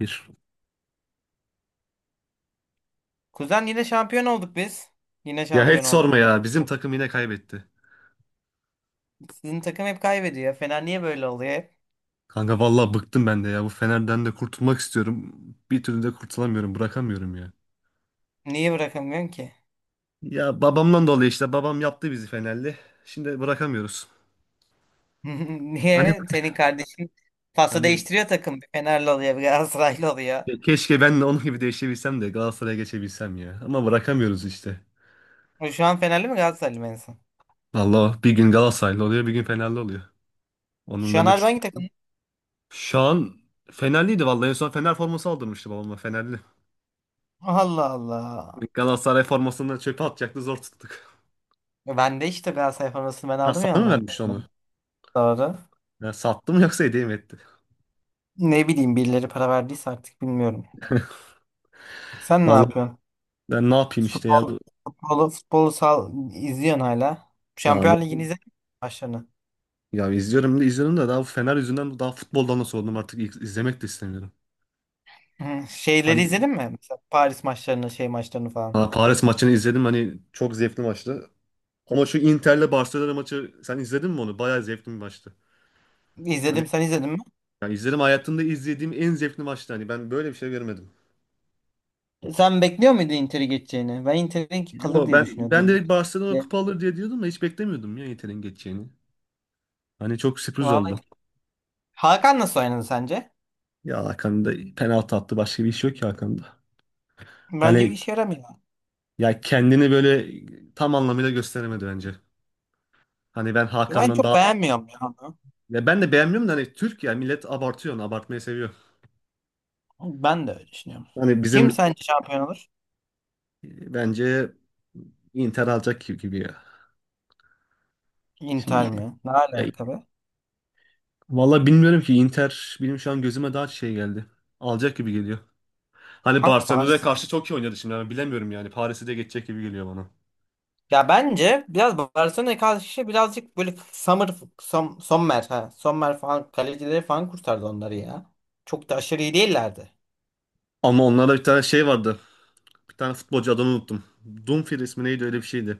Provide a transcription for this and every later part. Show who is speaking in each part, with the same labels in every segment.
Speaker 1: Bir.
Speaker 2: Kuzen yine şampiyon olduk biz. Yine
Speaker 1: Ya
Speaker 2: şampiyon
Speaker 1: hiç sorma
Speaker 2: olduk.
Speaker 1: ya. Bizim takım yine kaybetti.
Speaker 2: Sizin takım hep kaybediyor. Fener niye böyle oluyor hep?
Speaker 1: Kanka vallahi bıktım ben de ya. Bu Fener'den de kurtulmak istiyorum. Bir türlü de kurtulamıyorum. Bırakamıyorum ya.
Speaker 2: Niye bırakamıyorsun ki?
Speaker 1: Ya babamdan dolayı işte. Babam yaptı bizi Fenerli. Şimdi bırakamıyoruz. Hani
Speaker 2: Niye? Senin kardeşin pası
Speaker 1: hani
Speaker 2: değiştiriyor takım. Bir Fenerli oluyor, bir Galatasaraylı oluyor.
Speaker 1: keşke ben de onun gibi değişebilsem de Galatasaray'a geçebilsem ya. Ama bırakamıyoruz işte.
Speaker 2: O şu an Fenerli mi Galatasaraylı mı en son?
Speaker 1: Vallahi bir gün Galatasaraylı oluyor, bir gün Fenerli oluyor. Onun
Speaker 2: Şu
Speaker 1: da
Speaker 2: an
Speaker 1: ne
Speaker 2: harbi
Speaker 1: tut-
Speaker 2: hangi takım?
Speaker 1: Şu an Fenerliydi vallahi. En son Fener forması aldırmıştı babama Fenerli.
Speaker 2: Allah Allah.
Speaker 1: Galatasaray formasını çöpe atacaktı zor tuttuk.
Speaker 2: Ben de işte Galatasaray formasını ben
Speaker 1: Ha
Speaker 2: aldım ya
Speaker 1: sana mı
Speaker 2: ondan.
Speaker 1: vermiş onu?
Speaker 2: Doğru.
Speaker 1: Ben sattım yoksa hediye mi etti?
Speaker 2: Ne bileyim birileri para verdiyse artık bilmiyorum. Sen ne
Speaker 1: Vallahi
Speaker 2: yapıyorsun?
Speaker 1: ben ne yapayım işte ya.
Speaker 2: Futbol,
Speaker 1: bu-
Speaker 2: Futbolu sal, izliyorsun hala.
Speaker 1: Ya,
Speaker 2: Şampiyon Ligi'ni izledin mi başlarını?
Speaker 1: ya izliyorum da izliyorum da daha bu Fener yüzünden daha futboldan da soğudum artık izlemek de istemiyorum.
Speaker 2: Hı, şeyleri
Speaker 1: Hani
Speaker 2: izledin mi? Mesela Paris maçlarını, şey maçlarını falan.
Speaker 1: ha, Paris maçını izledim hani çok zevkli maçtı. Ama şu Inter'le Barcelona maçı sen izledin mi onu? Bayağı zevkli bir maçtı. Hani
Speaker 2: İzledim, sen izledin mi?
Speaker 1: ya izledim hayatımda izlediğim en zevkli maçtı. Hani ben böyle bir şey görmedim.
Speaker 2: Sen bekliyor muydun Inter'i geçeceğini? Ben Inter'in kalır
Speaker 1: Yo
Speaker 2: diye
Speaker 1: ben
Speaker 2: düşünüyordum.
Speaker 1: ben
Speaker 2: Ben
Speaker 1: direkt Barcelona
Speaker 2: de.
Speaker 1: kupa alır diye diyordum da hiç beklemiyordum ya Inter'in geçeceğini. Hani çok sürpriz
Speaker 2: Vallahi.
Speaker 1: oldu.
Speaker 2: Hakan nasıl oynadı sence?
Speaker 1: Ya Hakan da penaltı attı başka bir iş yok ya Hakan'da.
Speaker 2: Bence bir
Speaker 1: Hani
Speaker 2: işe yaramıyor.
Speaker 1: ya kendini böyle tam anlamıyla gösteremedi bence. Hani ben
Speaker 2: Ben
Speaker 1: Hakan'dan
Speaker 2: çok
Speaker 1: daha
Speaker 2: beğenmiyorum ya onu.
Speaker 1: ya ben de beğenmiyorum da hani Türk ya millet abartıyor, onu abartmayı seviyor.
Speaker 2: Ben de öyle düşünüyorum.
Speaker 1: Hani
Speaker 2: Kim
Speaker 1: bizim
Speaker 2: sence şampiyon olur?
Speaker 1: bence Inter alacak gibi gibi ya. Şimdi
Speaker 2: Inter mi? Ne
Speaker 1: ya,
Speaker 2: alaka be?
Speaker 1: vallahi bilmiyorum ki Inter benim şu an gözüme daha şey geldi. Alacak gibi geliyor. Hani
Speaker 2: Kanka
Speaker 1: Barcelona'ya
Speaker 2: Paris.
Speaker 1: karşı çok iyi oynadı şimdi ama bilemiyorum yani Paris'i de geçecek gibi geliyor bana.
Speaker 2: Ya bence biraz Barcelona'ya karşı birazcık böyle Sommer, ha. Sommer falan kalecileri falan kurtardı onları ya. Çok da aşırı iyi değillerdi.
Speaker 1: Ama onlarda bir tane şey vardı. Bir tane futbolcu adını unuttum. Dumfries mi neydi öyle bir şeydi.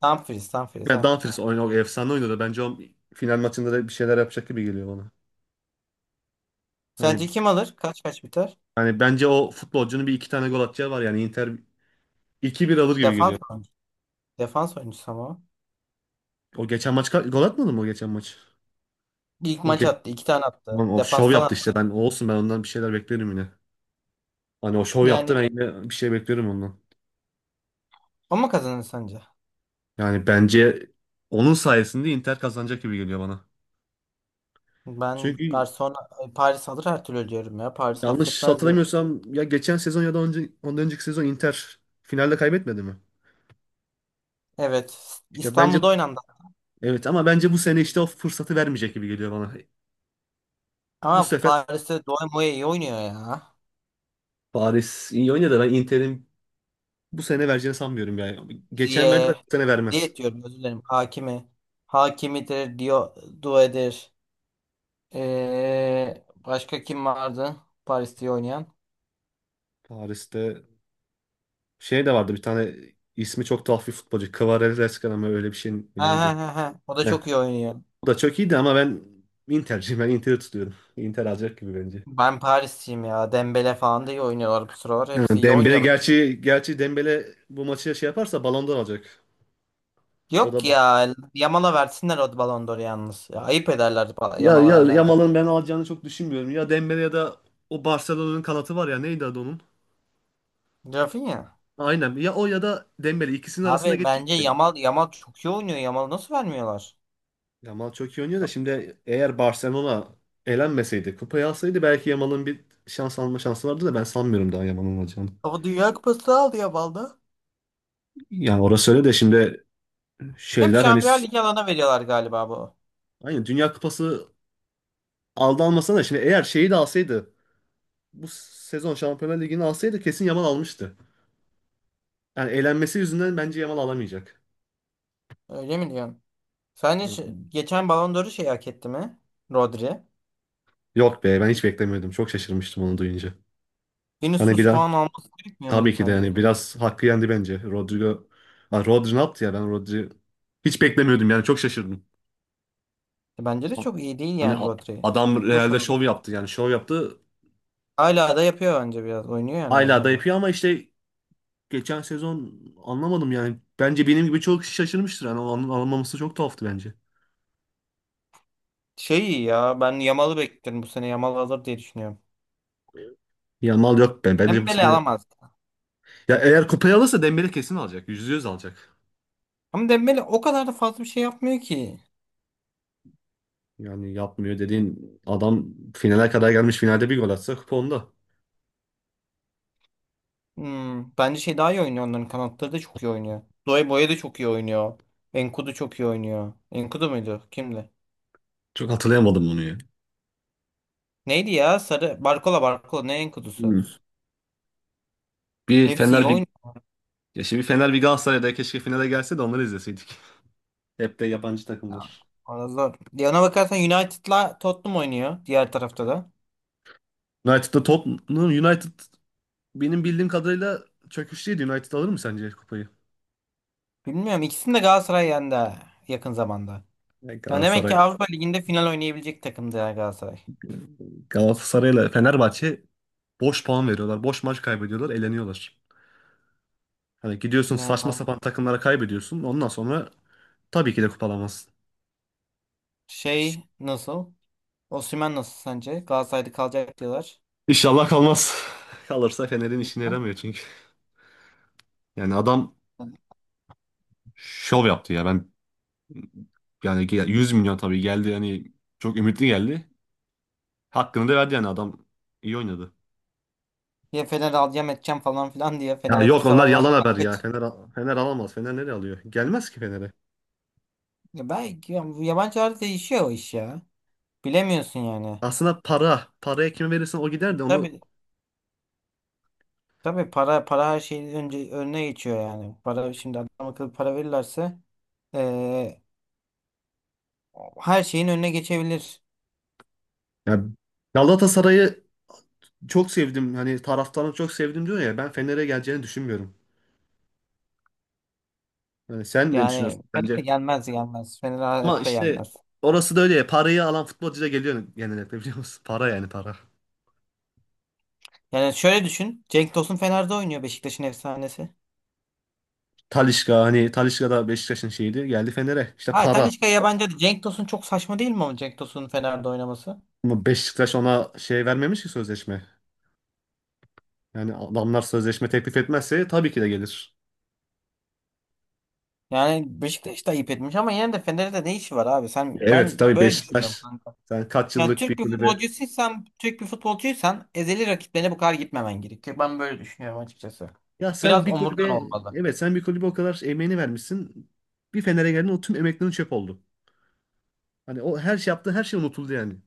Speaker 2: Tam freeze
Speaker 1: Yani
Speaker 2: ha.
Speaker 1: Dumfries oynadı, efsane oynadı. Bence o final maçında da bir şeyler yapacak gibi geliyor bana. Hani
Speaker 2: Sence kim alır? Kaç kaç biter?
Speaker 1: hani bence o futbolcunun bir iki tane gol atacağı var yani Inter 2-1 alır gibi
Speaker 2: Defans
Speaker 1: geliyor.
Speaker 2: oyuncusu. Defans oyuncusu ama. O.
Speaker 1: O geçen maç gol atmadı mı o geçen maç?
Speaker 2: İlk
Speaker 1: O
Speaker 2: maç
Speaker 1: ge
Speaker 2: attı, iki tane attı.
Speaker 1: Lan o şov
Speaker 2: Defanstan
Speaker 1: yaptı işte
Speaker 2: attı.
Speaker 1: ben olsun ben ondan bir şeyler beklerim yine. Hani o şov
Speaker 2: Yani
Speaker 1: yaptı ben yine bir şey beklerim ondan.
Speaker 2: ama kazanır sence?
Speaker 1: Yani bence onun sayesinde Inter kazanacak gibi geliyor bana.
Speaker 2: Ben
Speaker 1: Çünkü
Speaker 2: Barcelona Paris alır her türlü diyorum ya. Paris
Speaker 1: yanlış
Speaker 2: affetmez diyorum.
Speaker 1: hatırlamıyorsam ya geçen sezon ya da önce, ondan önceki sezon Inter finalde kaybetmedi mi?
Speaker 2: Evet.
Speaker 1: İşte bence
Speaker 2: İstanbul'da oynandı.
Speaker 1: evet ama bence bu sene işte o fırsatı vermeyecek gibi geliyor bana. Bu
Speaker 2: Ama
Speaker 1: sefer
Speaker 2: Paris'te Doğan Moya iyi oynuyor ya.
Speaker 1: Paris iyi oynadı. Ben Inter'in bu sene vereceğini sanmıyorum yani. Geçen verdi, bu
Speaker 2: Ziye.
Speaker 1: sene vermez.
Speaker 2: Ziye diyorum özür dilerim. Hakimi. Hakimidir. Due'dir. Başka kim vardı? Paris'te iyi oynayan.
Speaker 1: Paris'te şey de vardı bir tane ismi çok tuhaf bir futbolcu. Kvaratskhelia mı öyle bir şey mi
Speaker 2: Ha ha
Speaker 1: neydi?
Speaker 2: ha ha. O da
Speaker 1: Heh.
Speaker 2: çok iyi oynuyor.
Speaker 1: O da çok iyiydi ama ben Inter'ciyim. Ben Inter'i tutuyorum. Inter alacak gibi bence.
Speaker 2: Ben Paris'teyim ya. Dembele falan da iyi oynuyorlar bu sıralar.
Speaker 1: Ha,
Speaker 2: Hepsi iyi
Speaker 1: Dembele
Speaker 2: oynuyor.
Speaker 1: gerçi Dembele bu maçı şey yaparsa Ballon d'Or alacak. O da
Speaker 2: Yok ya. Yamal'a versinler o Ballon d'Or'u yalnız. Ya, ayıp ederler
Speaker 1: ya
Speaker 2: Yamal'a
Speaker 1: ya
Speaker 2: vermezler.
Speaker 1: Yamal'ın ben alacağını çok düşünmüyorum. Ya Dembele ya da o Barcelona'nın kanatı var ya neydi adı onun?
Speaker 2: Rafinha.
Speaker 1: Aynen. Ya o ya da Dembele ikisinin arasında
Speaker 2: Abi bence
Speaker 1: geçecek de.
Speaker 2: Yamal çok iyi oynuyor. Yamal'ı nasıl vermiyorlar?
Speaker 1: Yamal çok iyi oynuyor da şimdi eğer Barcelona elenmeseydi, kupayı alsaydı belki Yamal'ın bir şans alma şansı vardı da ben sanmıyorum daha Yamal'ın alacağını.
Speaker 2: Ama Dünya Kupası'nı aldı Yamal'da.
Speaker 1: Yani orası öyle de şimdi
Speaker 2: Hep
Speaker 1: şeyler hani
Speaker 2: Şampiyonlar Ligi alana veriyorlar galiba bu.
Speaker 1: aynı Dünya Kupası aldı almasa da şimdi eğer şeyi de alsaydı bu sezon Şampiyonlar Ligi'ni alsaydı kesin Yamal almıştı. Yani eğlenmesi yüzünden bence Yamal alamayacak.
Speaker 2: Öyle mi diyorsun? Sence geçen Ballon d'Or'u şey hak etti mi? Rodri.
Speaker 1: Yok be ben hiç beklemiyordum. Çok şaşırmıştım onu duyunca. Hani bir
Speaker 2: Vinicius
Speaker 1: an
Speaker 2: falan alması gerekmiyor
Speaker 1: tabii
Speaker 2: muydu
Speaker 1: ki de
Speaker 2: sence?
Speaker 1: yani biraz hakkı yendi bence. Ha, Rodri ne yaptı ya ben Rodri hiç beklemiyordum yani çok şaşırdım.
Speaker 2: Bence de çok iyi değil
Speaker 1: Hani
Speaker 2: yani Rodri.
Speaker 1: adam
Speaker 2: Boş
Speaker 1: Real'de
Speaker 2: al.
Speaker 1: şov yaptı yani şov yaptı.
Speaker 2: Hala da yapıyor bence biraz. Oynuyor yani
Speaker 1: Hala da
Speaker 2: hala da.
Speaker 1: yapıyor ama işte geçen sezon anlamadım yani. Bence benim gibi çok kişi şaşırmıştır. Yani onun alınmaması çok tuhaftı bence.
Speaker 2: Şey iyi ya ben Yamal'ı bekliyorum bu sene. Yamal alır diye düşünüyorum.
Speaker 1: Yamal yok ben. Bence bu
Speaker 2: Dembele
Speaker 1: sene
Speaker 2: alamaz.
Speaker 1: ya eğer kupayı alırsa Dembele kesin alacak. %100 alacak.
Speaker 2: Ama Dembele o kadar da fazla bir şey yapmıyor ki.
Speaker 1: Yani yapmıyor dediğin adam finale kadar gelmiş. Finalde bir gol atsa kupa onda.
Speaker 2: Hmm, bence şey daha iyi oynuyor. Onların kanatları da çok iyi oynuyor. Doye Boye de çok iyi oynuyor. Enkudu çok iyi oynuyor. Enkudu muydu? Kimdi?
Speaker 1: Çok hatırlayamadım onu ya.
Speaker 2: Neydi ya? Sarı. Barkola. Ne Enkudu'su?
Speaker 1: Hmm. Bir
Speaker 2: Hepsi iyi
Speaker 1: Fener bir
Speaker 2: oynuyor.
Speaker 1: ya şimdi bir Fener bir Galatasaray'da keşke finale gelse de onları izleseydik. Hep de yabancı
Speaker 2: Ya.
Speaker 1: takımlar.
Speaker 2: Valla zor. Ya ona bakarsan United'la Tottenham oynuyor. Diğer tarafta da.
Speaker 1: United'da Tottenham United benim bildiğim kadarıyla çöküşteydi. United alır mı sence kupayı?
Speaker 2: Bilmiyorum. İkisini de Galatasaray yendi ha, yakın zamanda.
Speaker 1: Ya
Speaker 2: Ya demek
Speaker 1: Galatasaray
Speaker 2: ki Avrupa Ligi'nde final oynayabilecek takımdı ya Galatasaray.
Speaker 1: Galatasaray'la Fenerbahçe boş puan veriyorlar. Boş maç kaybediyorlar, eleniyorlar. Hani gidiyorsun
Speaker 2: Yani
Speaker 1: saçma sapan takımlara kaybediyorsun. Ondan sonra tabii ki de kupalamazsın.
Speaker 2: şey nasıl? Osimhen nasıl sence? Galatasaray'da kalacak diyorlar.
Speaker 1: İnşallah kalmaz. Kalırsa Fener'in işine yaramıyor çünkü. Yani adam şov yaptı ya. Ben yani 100 milyon tabii geldi yani çok ümitli geldi. Hakkını da verdi yani adam iyi oynadı.
Speaker 2: Ya Fener alacağım edeceğim falan filan diye.
Speaker 1: Ya
Speaker 2: Fener
Speaker 1: yok
Speaker 2: alırsa
Speaker 1: onlar
Speaker 2: vallahi
Speaker 1: yalan haber ya.
Speaker 2: kaç.
Speaker 1: Fener, Fener alamaz. Fener nereye alıyor? Gelmez ki Fener'e.
Speaker 2: Ya belki ya bu yabancılarda değişiyor o iş ya. Bilemiyorsun yani.
Speaker 1: Aslında para. Paraya kime verirsen o gider de onu...
Speaker 2: Tabii tabii para para her şeyin önüne geçiyor yani. Para şimdi adam akıllı para verirlerse eee, her şeyin önüne geçebilir.
Speaker 1: Ya Galatasaray'ı çok sevdim. Hani taraftarını çok sevdim diyor ya. Ben Fener'e geleceğini düşünmüyorum. Hani sen ne düşünüyorsun
Speaker 2: Yani Fener
Speaker 1: bence?
Speaker 2: gelmez gelmez, Fener
Speaker 1: Ama
Speaker 2: hayatta
Speaker 1: işte
Speaker 2: gelmez.
Speaker 1: orası da öyle ya. Parayı alan futbolcu da geliyor genellikle biliyor musun? Para yani para.
Speaker 2: Yani şöyle düşün. Cenk Tosun Fener'de oynuyor, Beşiktaş'ın efsanesi.
Speaker 1: Talisca hani Talisca da Beşiktaş'ın şeyiydi. Geldi Fener'e. İşte
Speaker 2: Ha
Speaker 1: para.
Speaker 2: Talisca yabancı. Cenk Tosun çok saçma değil mi ama Cenk Tosun'un Fener'de oynaması?
Speaker 1: Ama Beşiktaş ona şey vermemiş ki sözleşme. Yani adamlar sözleşme teklif etmezse tabii ki de gelir.
Speaker 2: Yani Beşiktaş da ayıp etmiş ama yine de Fener'de ne işi var abi? Sen
Speaker 1: Evet
Speaker 2: ben
Speaker 1: tabii
Speaker 2: böyle düşünüyorum
Speaker 1: Beşiktaş
Speaker 2: kanka.
Speaker 1: sen kaç
Speaker 2: Yani
Speaker 1: yıllık bir kulübe.
Speaker 2: Türk bir futbolcuysan ezeli rakiplerine bu kadar gitmemen gerekiyor. Ben böyle düşünüyorum açıkçası.
Speaker 1: Ya sen
Speaker 2: Biraz
Speaker 1: bir
Speaker 2: omurgan
Speaker 1: kulübe
Speaker 2: olmalı.
Speaker 1: evet sen bir kulübe o kadar emeğini vermişsin. Bir Fener'e geldin o tüm emeklerin çöp oldu. Hani o her şey yaptığı her şey unutuldu yani.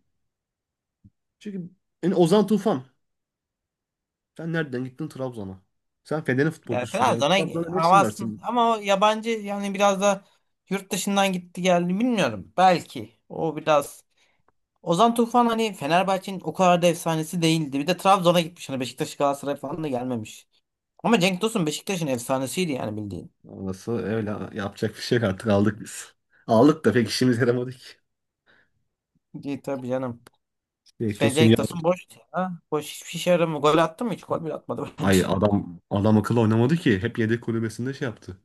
Speaker 1: Çünkü yani Ozan Tufan sen nereden gittin Trabzon'a? Sen Fener'in
Speaker 2: Yani
Speaker 1: futbolcusun yani
Speaker 2: Trabzon'a
Speaker 1: Trabzon'a ne işin var
Speaker 2: havasın
Speaker 1: senin?
Speaker 2: ama o yabancı yani biraz da yurt dışından gitti geldi bilmiyorum. Belki o biraz Ozan Tufan hani Fenerbahçe'nin o kadar da efsanesi değildi. Bir de Trabzon'a gitmiş. Hani Beşiktaş Galatasaray falan da gelmemiş. Ama Cenk Tosun Beşiktaş'ın efsanesiydi yani bildiğin.
Speaker 1: Orası öyle yapacak bir şey yok artık aldık biz. Aldık da pek işimize yaramadı ki.
Speaker 2: İyi tabii canım. Şey,
Speaker 1: Bekliyorsun
Speaker 2: Cenk
Speaker 1: ya.
Speaker 2: Tosun boş ya. Boş hiçbir şey yaramıyor. Gol attı mı? Hiç gol bile atmadı bence.
Speaker 1: Ay adam akıllı oynamadı ki. Hep yedek kulübesinde şey yaptı.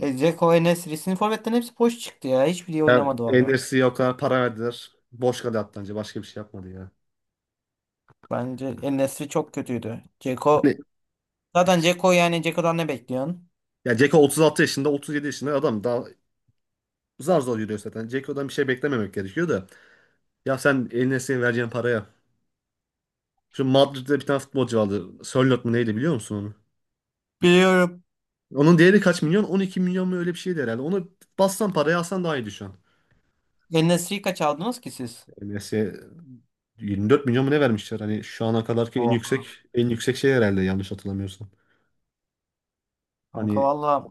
Speaker 2: E, Dzeko, En-Nesyri. Sizin forvetlerin hepsi boş çıktı ya. Hiçbiri
Speaker 1: Ya
Speaker 2: oynamadı valla.
Speaker 1: Enes'i o kadar para verdiler. Boş kaldı attı anca. Başka bir şey yapmadı ya.
Speaker 2: Bence En-Nesyri çok kötüydü. Dzeko.
Speaker 1: Hani
Speaker 2: Zaten Dzeko yani Dzeko'dan ne bekliyorsun?
Speaker 1: ya Ceko 36 yaşında, 37 yaşında adam daha zar zor yürüyor zaten. Dzeko'dan bir şey beklememek gerekiyor da. Ya sen Enes'e vereceğin paraya. Şu Madrid'de bir tane futbolcu vardı. Sörloth mu neydi biliyor musun onu?
Speaker 2: Biliyorum.
Speaker 1: Onun değeri kaç milyon? 12 milyon mu öyle bir şeydi herhalde. Onu bassan paraya alsan daha iyiydi şu an.
Speaker 2: En-Nesyri'yi kaç aldınız ki siz?
Speaker 1: Enes'e 24 milyon mu ne vermişler? Hani şu ana kadarki en
Speaker 2: Oh,
Speaker 1: yüksek en yüksek şey herhalde yanlış hatırlamıyorsam.
Speaker 2: kanka
Speaker 1: Hani
Speaker 2: valla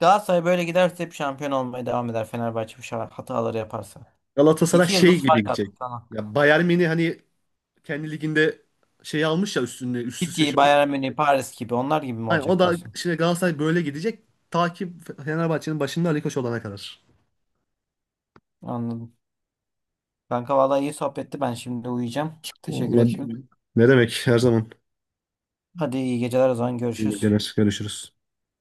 Speaker 2: Galatasaray böyle giderse hep şampiyon olmaya devam eder, Fenerbahçe bu hataları yaparsa.
Speaker 1: Galatasaray
Speaker 2: İki
Speaker 1: şey
Speaker 2: yıldız
Speaker 1: gibi
Speaker 2: fark attı
Speaker 1: gidecek.
Speaker 2: sana.
Speaker 1: Ya Bayern Münih hani kendi liginde şey almış ya üstüne üst üste
Speaker 2: City,
Speaker 1: şey oluyor.
Speaker 2: Bayern Münih, Paris gibi onlar gibi mi
Speaker 1: Hani o
Speaker 2: olacak
Speaker 1: da
Speaker 2: diyorsun?
Speaker 1: şimdi Galatasaray böyle gidecek. Takip Fenerbahçe'nin başında Ali Koç olana kadar.
Speaker 2: Anladım. Kanka vallahi iyi sohbetti, ben şimdi uyuyacağım. Teşekkür
Speaker 1: Vallahi
Speaker 2: ettim.
Speaker 1: ne demek her zaman.
Speaker 2: Hadi iyi geceler o zaman
Speaker 1: İyi
Speaker 2: görüşürüz.
Speaker 1: geceler. Görüşürüz.